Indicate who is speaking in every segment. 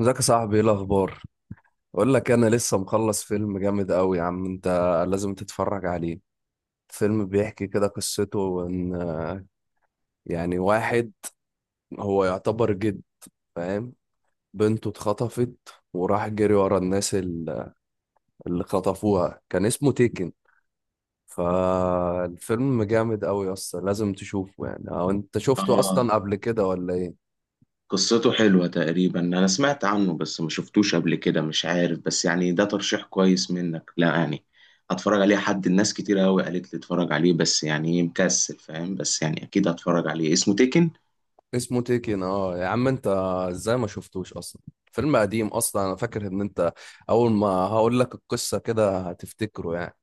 Speaker 1: ازيك يا صاحبي، ايه الاخبار؟ اقول لك، انا لسه مخلص فيلم جامد قوي يا عم انت. لازم تتفرج عليه. فيلم بيحكي كده، قصته ان يعني واحد هو يعتبر جد، فاهم؟ بنته اتخطفت وراح جري ورا الناس اللي خطفوها. كان اسمه تيكن. فالفيلم جامد قوي اصلا، لازم تشوفه يعني. او انت شفته
Speaker 2: اه،
Speaker 1: اصلا قبل كده ولا ايه؟
Speaker 2: قصته حلوة. تقريبا انا سمعت عنه بس ما شفتوش قبل كده. مش عارف، بس يعني ده ترشيح كويس منك، لا يعني هتفرج عليه. حد الناس كتير قوي قالت لي اتفرج عليه، بس يعني إيه، مكسل فاهم. بس يعني اكيد هتفرج عليه، اسمه تيكن.
Speaker 1: اسمه تيكن اه يا عم انت. ازاي ما شفتوش اصلا؟ فيلم قديم اصلا، انا فاكر ان انت اول ما هقول لك القصه كده هتفتكره يعني.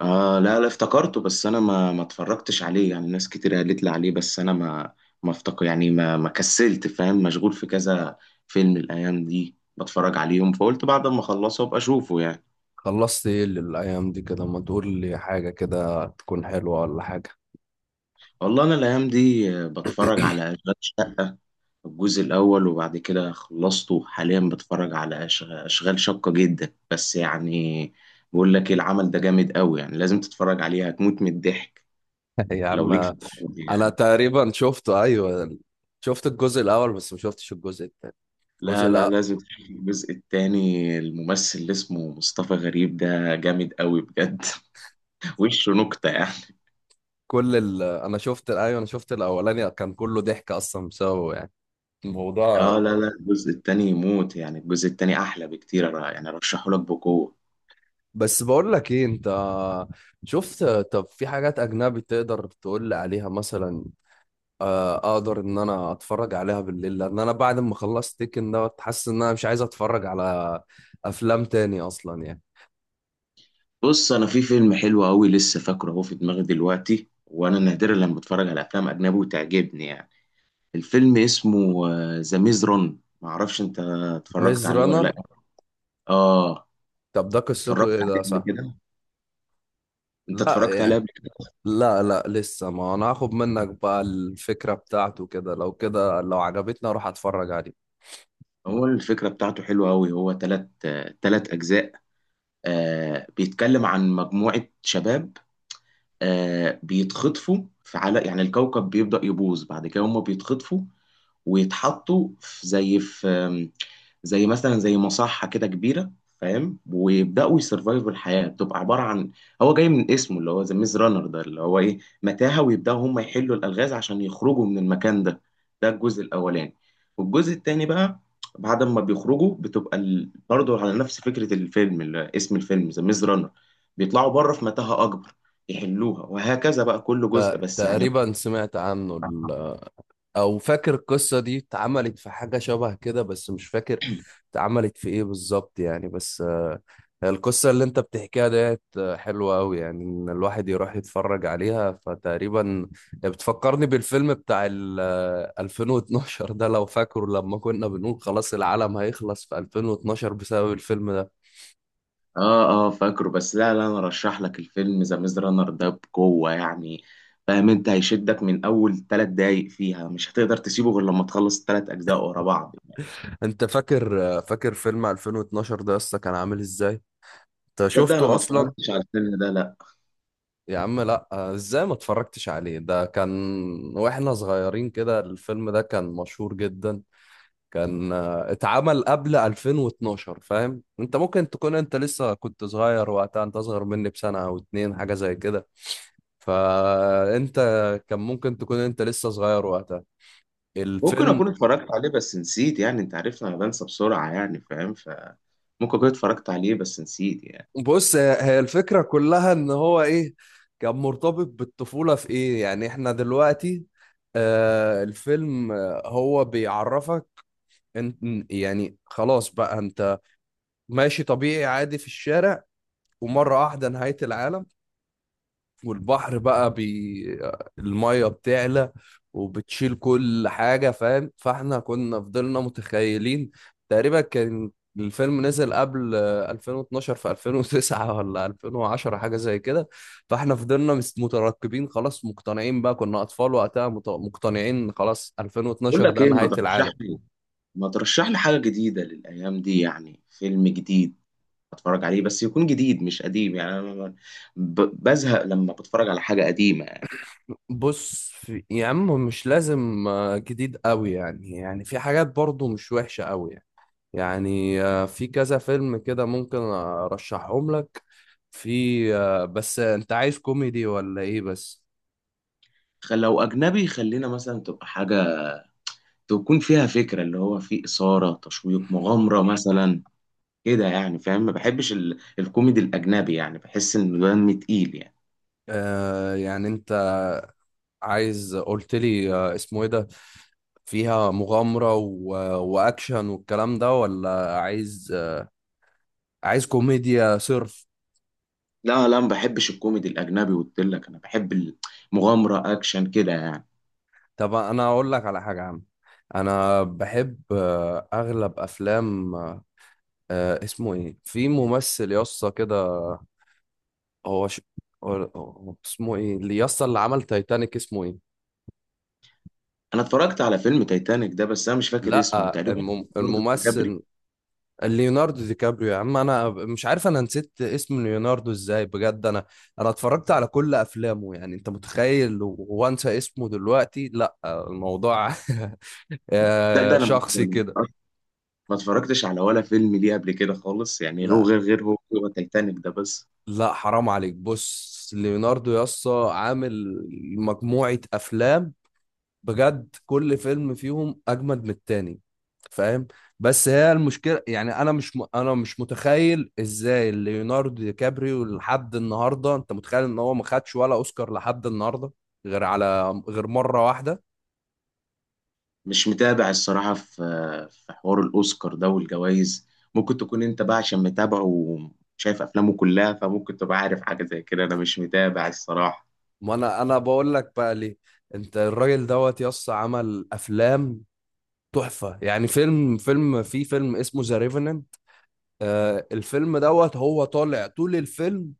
Speaker 2: لا لا، افتكرته، بس انا ما اتفرجتش عليه. يعني ناس كتير قالت لي عليه، بس انا ما افتكر يعني ما كسلت، فاهم، مشغول في كذا فيلم الايام دي بتفرج عليهم، فقلت بعد ما اخلصه ابقى اشوفه يعني.
Speaker 1: خلصت ايه للايام دي كده؟ ما تقول لي حاجه كده تكون حلوه ولا حاجه.
Speaker 2: والله انا الايام دي بتفرج على أشغال الجزء الأول، وبعد كده خلصته. حاليا بتفرج على أشغال شاقة جدا، بس يعني بقول لك إيه، العمل ده جامد قوي يعني، لازم تتفرج عليه، هتموت من الضحك
Speaker 1: يا
Speaker 2: لو
Speaker 1: عم،
Speaker 2: ليك في الكوميدي
Speaker 1: انا
Speaker 2: يعني.
Speaker 1: تقريبا شفته، ايوه. شفت الجزء الاول بس ما شفتش الجزء الثاني. الجزء
Speaker 2: لا لا،
Speaker 1: الأ...
Speaker 2: لازم تشوف الجزء التاني. الممثل اللي اسمه مصطفى غريب ده جامد قوي بجد. وشه نكتة يعني.
Speaker 1: انا شفت، ايوه، انا شفت الاولاني كان كله ضحك اصلا بسببه يعني، الموضوع.
Speaker 2: اه، لا لا، الجزء التاني يموت يعني، الجزء التاني أحلى بكتير. يعني أرشحه لك بقوة.
Speaker 1: بس بقول لك ايه انت، شفت؟ طب في حاجات اجنبي تقدر تقول لي عليها مثلا؟ اقدر ان انا اتفرج عليها بالليل، لان انا بعد ما خلصت تيكن ده حاسس ان انا مش عايز اتفرج على افلام تاني اصلا يعني.
Speaker 2: بص، انا في فيلم حلو قوي لسه فاكره اهو في دماغي دلوقتي، وانا نادرا لما بتفرج على افلام اجنبي وتعجبني يعني. الفيلم اسمه ذا ميز رون، معرفش انت
Speaker 1: ميز
Speaker 2: اتفرجت عليه ولا
Speaker 1: رانر؟
Speaker 2: لا. اه،
Speaker 1: طب ده قصته
Speaker 2: اتفرجت
Speaker 1: ايه؟
Speaker 2: عليه
Speaker 1: ده
Speaker 2: قبل
Speaker 1: صح؟
Speaker 2: كده. انت
Speaker 1: لا
Speaker 2: اتفرجت عليه
Speaker 1: يعني.
Speaker 2: قبل كده؟
Speaker 1: لا لا لسه، ما انا هاخد منك بقى الفكرة بتاعته كده، لو كده لو عجبتني اروح اتفرج عليه.
Speaker 2: هو الفكره بتاعته حلوه قوي، هو تلات اجزاء. بيتكلم عن مجموعه شباب. بيتخطفوا في على يعني الكوكب، بيبدأ يبوظ، بعد كده هما بيتخطفوا ويتحطوا في زي في زي مثلا زي مصحة كده كبيرة، فاهم، ويبدأوا يسرفايفوا. الحياة بتبقى عبارة عن، هو جاي من اسمه اللي هو ذا ميز رانر ده، اللي هو ايه، متاهة، ويبدأوا هم يحلوا الألغاز عشان يخرجوا من المكان ده. ده الجزء الأولاني. والجزء التاني بقى، بعد ما بيخرجوا، بتبقى برضه على نفس فكرة الفيلم اللي اسم الفيلم ذا ميز رانر، بيطلعوا بره في متاهة أكبر يحلوها، وهكذا بقى كل جزء بس يعني.
Speaker 1: تقريبا سمعت عنه او فاكر القصه دي اتعملت في حاجه شبه كده، بس مش فاكر اتعملت في ايه بالظبط يعني. بس القصه اللي انت بتحكيها ديت حلوه قوي يعني، ان الواحد يروح يتفرج عليها. فتقريبا بتفكرني بالفيلم بتاع ال 2012 ده، لو فاكره لما كنا بنقول خلاص العالم هيخلص في 2012 بسبب الفيلم ده.
Speaker 2: اه اه، فاكره، بس لا لا، انا رشح لك الفيلم ذا ميز رانر ده بقوة يعني، فاهم. انت هيشدك من اول ثلاث دقايق فيها، مش هتقدر تسيبه غير لما تخلص الثلاث اجزاء ورا بعض.
Speaker 1: انت فاكر فيلم 2012 ده اصلا كان عامل ازاي؟ انت
Speaker 2: تصدق انا
Speaker 1: شفته
Speaker 2: ما
Speaker 1: اصلا؟
Speaker 2: اتفرجتش على الفيلم ده، لا.
Speaker 1: يا عم لا، ازاي ما اتفرجتش عليه؟ ده كان واحنا صغيرين كده، الفيلم ده كان مشهور جدا. كان اتعمل قبل 2012، فاهم؟ انت ممكن تكون انت لسه كنت صغير وقتها، انت اصغر مني بسنة او اتنين حاجة زي كده. فانت كان ممكن تكون انت لسه صغير وقتها،
Speaker 2: ممكن
Speaker 1: الفيلم.
Speaker 2: اكون اتفرجت عليه بس نسيت يعني، انت عارفني انا بنسى بسرعة يعني، فاهم، ف ممكن اكون اتفرجت عليه بس نسيت يعني.
Speaker 1: بص، هي هي الفكرة كلها ان هو ايه، كان مرتبط بالطفولة في ايه يعني. احنا دلوقتي الفيلم هو بيعرفك انت، يعني خلاص بقى انت ماشي طبيعي عادي في الشارع، ومرة واحدة نهاية العالم، والبحر بقى المية بتعلى وبتشيل كل حاجة، فاهم؟ فاحنا كنا فضلنا متخيلين. تقريبا كان الفيلم نزل قبل 2012، في 2009 ولا 2010 حاجة زي كده. فاحنا فضلنا مترقبين خلاص، مقتنعين بقى، كنا أطفال وقتها، مقتنعين خلاص
Speaker 2: بقول
Speaker 1: 2012
Speaker 2: لك
Speaker 1: ده
Speaker 2: ايه، ما
Speaker 1: نهاية العالم.
Speaker 2: ترشح لي ما ترشح لي حاجة جديدة للايام دي يعني، فيلم جديد اتفرج عليه، بس يكون جديد مش قديم يعني. انا بزهق لما بتفرج على حاجة قديمة.
Speaker 1: بص في... يا عم مش لازم جديد قوي يعني، يعني في حاجات برضو مش وحشة قوي يعني يعني. في كذا فيلم كده ممكن ارشحهم لك. في بس انت عايز كوميدي ولا ايه بس؟
Speaker 2: لو أجنبي خلينا مثلا تبقى حاجة تكون فيها فكرة، اللي هو فيه إثارة، تشويق، مغامرة مثلا كده يعني، فاهم. ما بحبش الكوميدي الأجنبي يعني، بحس إنه دم تقيل يعني.
Speaker 1: يعني انت عايز، قلت لي اسمه ايه ده فيها مغامرة و... واكشن والكلام ده، ولا عايز عايز كوميديا صرف؟
Speaker 2: لا لا، ما بحبش الكوميدي الأجنبي، قلت لك أنا بحب المغامرة، أكشن كده يعني.
Speaker 1: طب انا اقول لك على حاجه يا عم. انا بحب اغلب افلام، اسمه ايه؟ في ممثل يسطا كده، هو، هو هو اسمه ايه اللي يسطا اللي عمل تايتانيك؟ اسمه ايه؟
Speaker 2: أنا اتفرجت على فيلم تايتانيك ده، بس أنا مش فاكر اسمه
Speaker 1: لا
Speaker 2: تقريبا. برضه كابري.
Speaker 1: الممثل. ليوناردو دي كابريو. يا عم انا مش عارف انا نسيت اسم ليوناردو ازاي بجد. انا انا اتفرجت على كل افلامه، يعني انت متخيل وانسى اسمه دلوقتي؟ لا الموضوع
Speaker 2: ده, ده أنا ما
Speaker 1: شخصي كده.
Speaker 2: ما اتفرجتش على ولا فيلم ليه قبل كده خالص يعني. هو
Speaker 1: لا
Speaker 2: غير هو، هو تايتانيك ده بس.
Speaker 1: لا حرام عليك، بص ليوناردو يسطا عامل مجموعة أفلام، بجد كل فيلم فيهم أجمد من التاني، فاهم؟ بس هي المشكلة يعني، أنا مش م... أنا مش متخيل إزاي ليوناردو دي كابريو لحد النهاردة. أنت متخيل إن هو ما خدش ولا أوسكار لحد النهاردة، غير مرة واحدة؟
Speaker 2: مش متابع الصراحة، في حوار الأوسكار ده والجوائز. ممكن تكون أنت بقى، عشان متابعه وشايف أفلامه كلها، فممكن تبقى عارف حاجة زي كده. أنا مش متابع الصراحة.
Speaker 1: ما أنا بقول لك بقى ليه، أنت الراجل دوت يسطا عمل أفلام تحفة، يعني فيلم فيلم في فيلم اسمه ذا ريفننت. الفيلم دوت هو طالع طول الفيلم،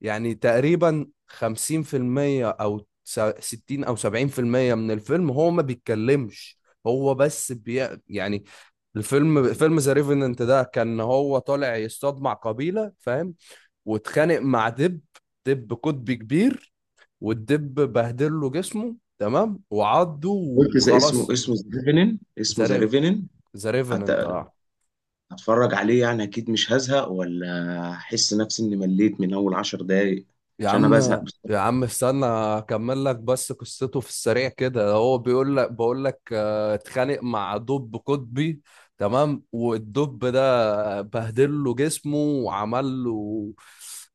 Speaker 1: يعني تقريبا 50% او 60 او 70% من الفيلم هو ما بيتكلمش. هو بس يعني فيلم ذا ريفننت ده كان هو طالع يصطاد مع قبيلة، فاهم؟ واتخانق مع دب، دب قطبي كبير، والدب بهدل له جسمه تمام وعضه
Speaker 2: قلت زي اسمه
Speaker 1: وخلاص.
Speaker 2: اسمه ذا ريفنن،
Speaker 1: ذا
Speaker 2: اسمه ذا
Speaker 1: ريف
Speaker 2: ريفنن.
Speaker 1: ذا ريفننت اه.
Speaker 2: هتفرج عليه يعني، أكيد مش هزهق ولا أحس نفسي إني مليت من أول عشر دقايق،
Speaker 1: يا
Speaker 2: عشان أنا
Speaker 1: عم،
Speaker 2: بزهق
Speaker 1: يا
Speaker 2: بسرعة.
Speaker 1: عم استنى اكمل لك بس قصته في السريع كده. هو بيقول لك بقول لك اتخانق مع دب قطبي تمام، والدب ده بهدل له جسمه وعمل له.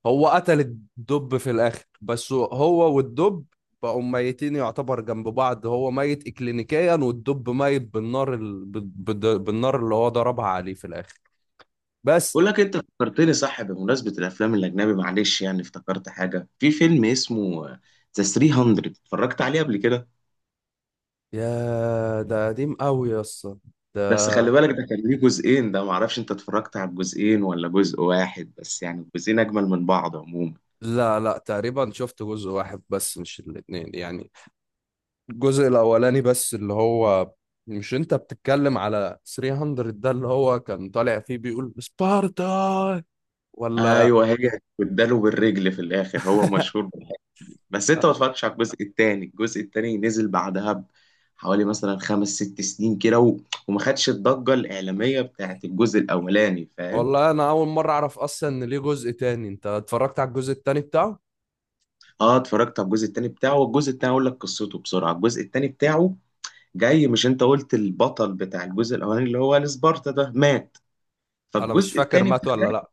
Speaker 1: هو قتل الدب في الاخر، بس هو والدب بقوا ميتين يعتبر جنب بعض. هو ميت اكلينيكيا والدب ميت بالنار بالنار اللي هو ضربها عليه في الاخر بس.
Speaker 2: بقول لك أنت فكرتني صح بمناسبة الأفلام الأجنبي، معلش يعني افتكرت حاجة، في فيلم اسمه ذا 300، اتفرجت عليه قبل كده.
Speaker 1: يا ده قديم قوي يا اسطى، ده.
Speaker 2: بس خلي بالك ده كان ليه جزئين، ده معرفش انت اتفرجت على الجزئين ولا جزء واحد بس يعني. الجزئين اجمل من بعض عموما.
Speaker 1: لا لا تقريبا شفت جزء واحد بس مش الاتنين يعني، الجزء الأولاني بس اللي هو، مش انت بتتكلم على 300 ده اللي هو كان طالع فيه بيقول سبارتا ولا؟
Speaker 2: ايوه، هي اداله بالرجل في الاخر، هو مشهور بالحاجة. بس انت ما اتفرجتش على الجزء التاني. الجزء التاني نزل بعدها حوالي مثلا خمس ست سنين كده، وما خدش الضجه الاعلاميه بتاعت الجزء الاولاني، فاهم.
Speaker 1: والله انا اول مرة اعرف اصلا ان ليه جزء تاني. انت اتفرجت على الجزء التاني بتاعه؟
Speaker 2: اه، اتفرجت على الجزء التاني بتاعه، والجزء التاني اقول لك قصته بسرعه. الجزء التاني بتاعه جاي، مش انت قلت البطل بتاع الجزء الاولاني اللي هو السبارتا ده مات،
Speaker 1: انا مش
Speaker 2: فالجزء
Speaker 1: فاكر
Speaker 2: التاني.
Speaker 1: مات ولا لا.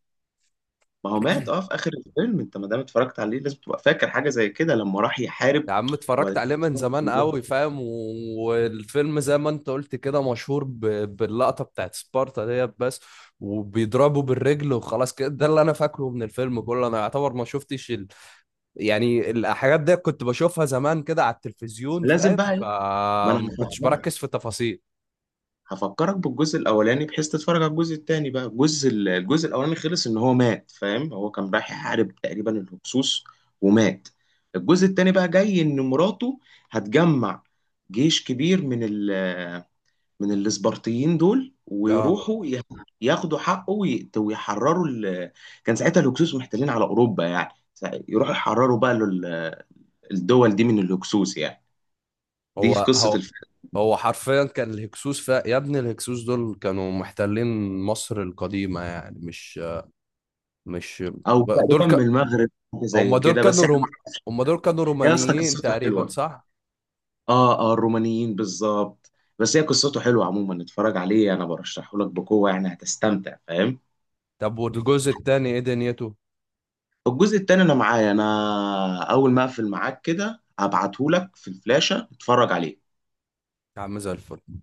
Speaker 2: ما هو مات اه، في اخر الفيلم، انت ما دام اتفرجت عليه لازم تبقى فاكر حاجه زي كده لما راح يحارب،
Speaker 1: يا عم اتفرجت
Speaker 2: وبعد
Speaker 1: عليه
Speaker 2: كده
Speaker 1: من
Speaker 2: أسرهم
Speaker 1: زمان
Speaker 2: كلهم.
Speaker 1: قوي، فاهم؟ والفيلم زي ما انت قلت كده مشهور باللقطة بتاعت سبارتا ديت بس، وبيضربوا بالرجل وخلاص كده، ده اللي انا فاكره من الفيلم كله. انا يعتبر ما شفتش يعني الحاجات دي كنت بشوفها زمان كده على التلفزيون،
Speaker 2: لازم
Speaker 1: فاهم؟
Speaker 2: بقى ايه، ما انا
Speaker 1: فما كنتش
Speaker 2: هفكرك
Speaker 1: بركز في التفاصيل.
Speaker 2: هفكرك بالجزء الاولاني بحيث تتفرج على الجزء التاني بقى. الجزء الجزء الاولاني خلص ان هو مات، فاهم. هو كان رايح يحارب تقريبا الهكسوس، ومات. الجزء التاني بقى جاي، ان مراته هتجمع جيش كبير من من الاسبرطيين دول،
Speaker 1: اه.
Speaker 2: ويروحوا ياخدوا حقه، ويحرروا كان ساعتها الهكسوس محتلين على اوروبا يعني، يروحوا يحرروا بقى الدول دي من الهكسوس يعني. دي في
Speaker 1: هو
Speaker 2: قصه
Speaker 1: هو
Speaker 2: الفيلم،
Speaker 1: هو حرفيا كان الهكسوس يا ابني الهكسوس دول كانوا محتلين مصر القديمة، يعني مش
Speaker 2: او
Speaker 1: دول.
Speaker 2: تقريبا من المغرب حاجة
Speaker 1: هم
Speaker 2: زي
Speaker 1: دول
Speaker 2: كده بس
Speaker 1: كانوا
Speaker 2: يعني.
Speaker 1: روم، هم دول كانوا
Speaker 2: يا اسطى
Speaker 1: رومانيين
Speaker 2: قصته
Speaker 1: تقريبا
Speaker 2: حلوه.
Speaker 1: صح؟
Speaker 2: اه اه، الرومانيين بالظبط. بس هي قصته حلوه عموما، اتفرج عليه، انا برشحه لك بقوه يعني، هتستمتع فاهم.
Speaker 1: طب والجزء التاني ايه دنيته؟
Speaker 2: الجزء التاني انا معايا، انا اول ما اقفل معاك كده هبعته لك في الفلاشه، اتفرج عليه.
Speaker 1: يا عم زي الفل.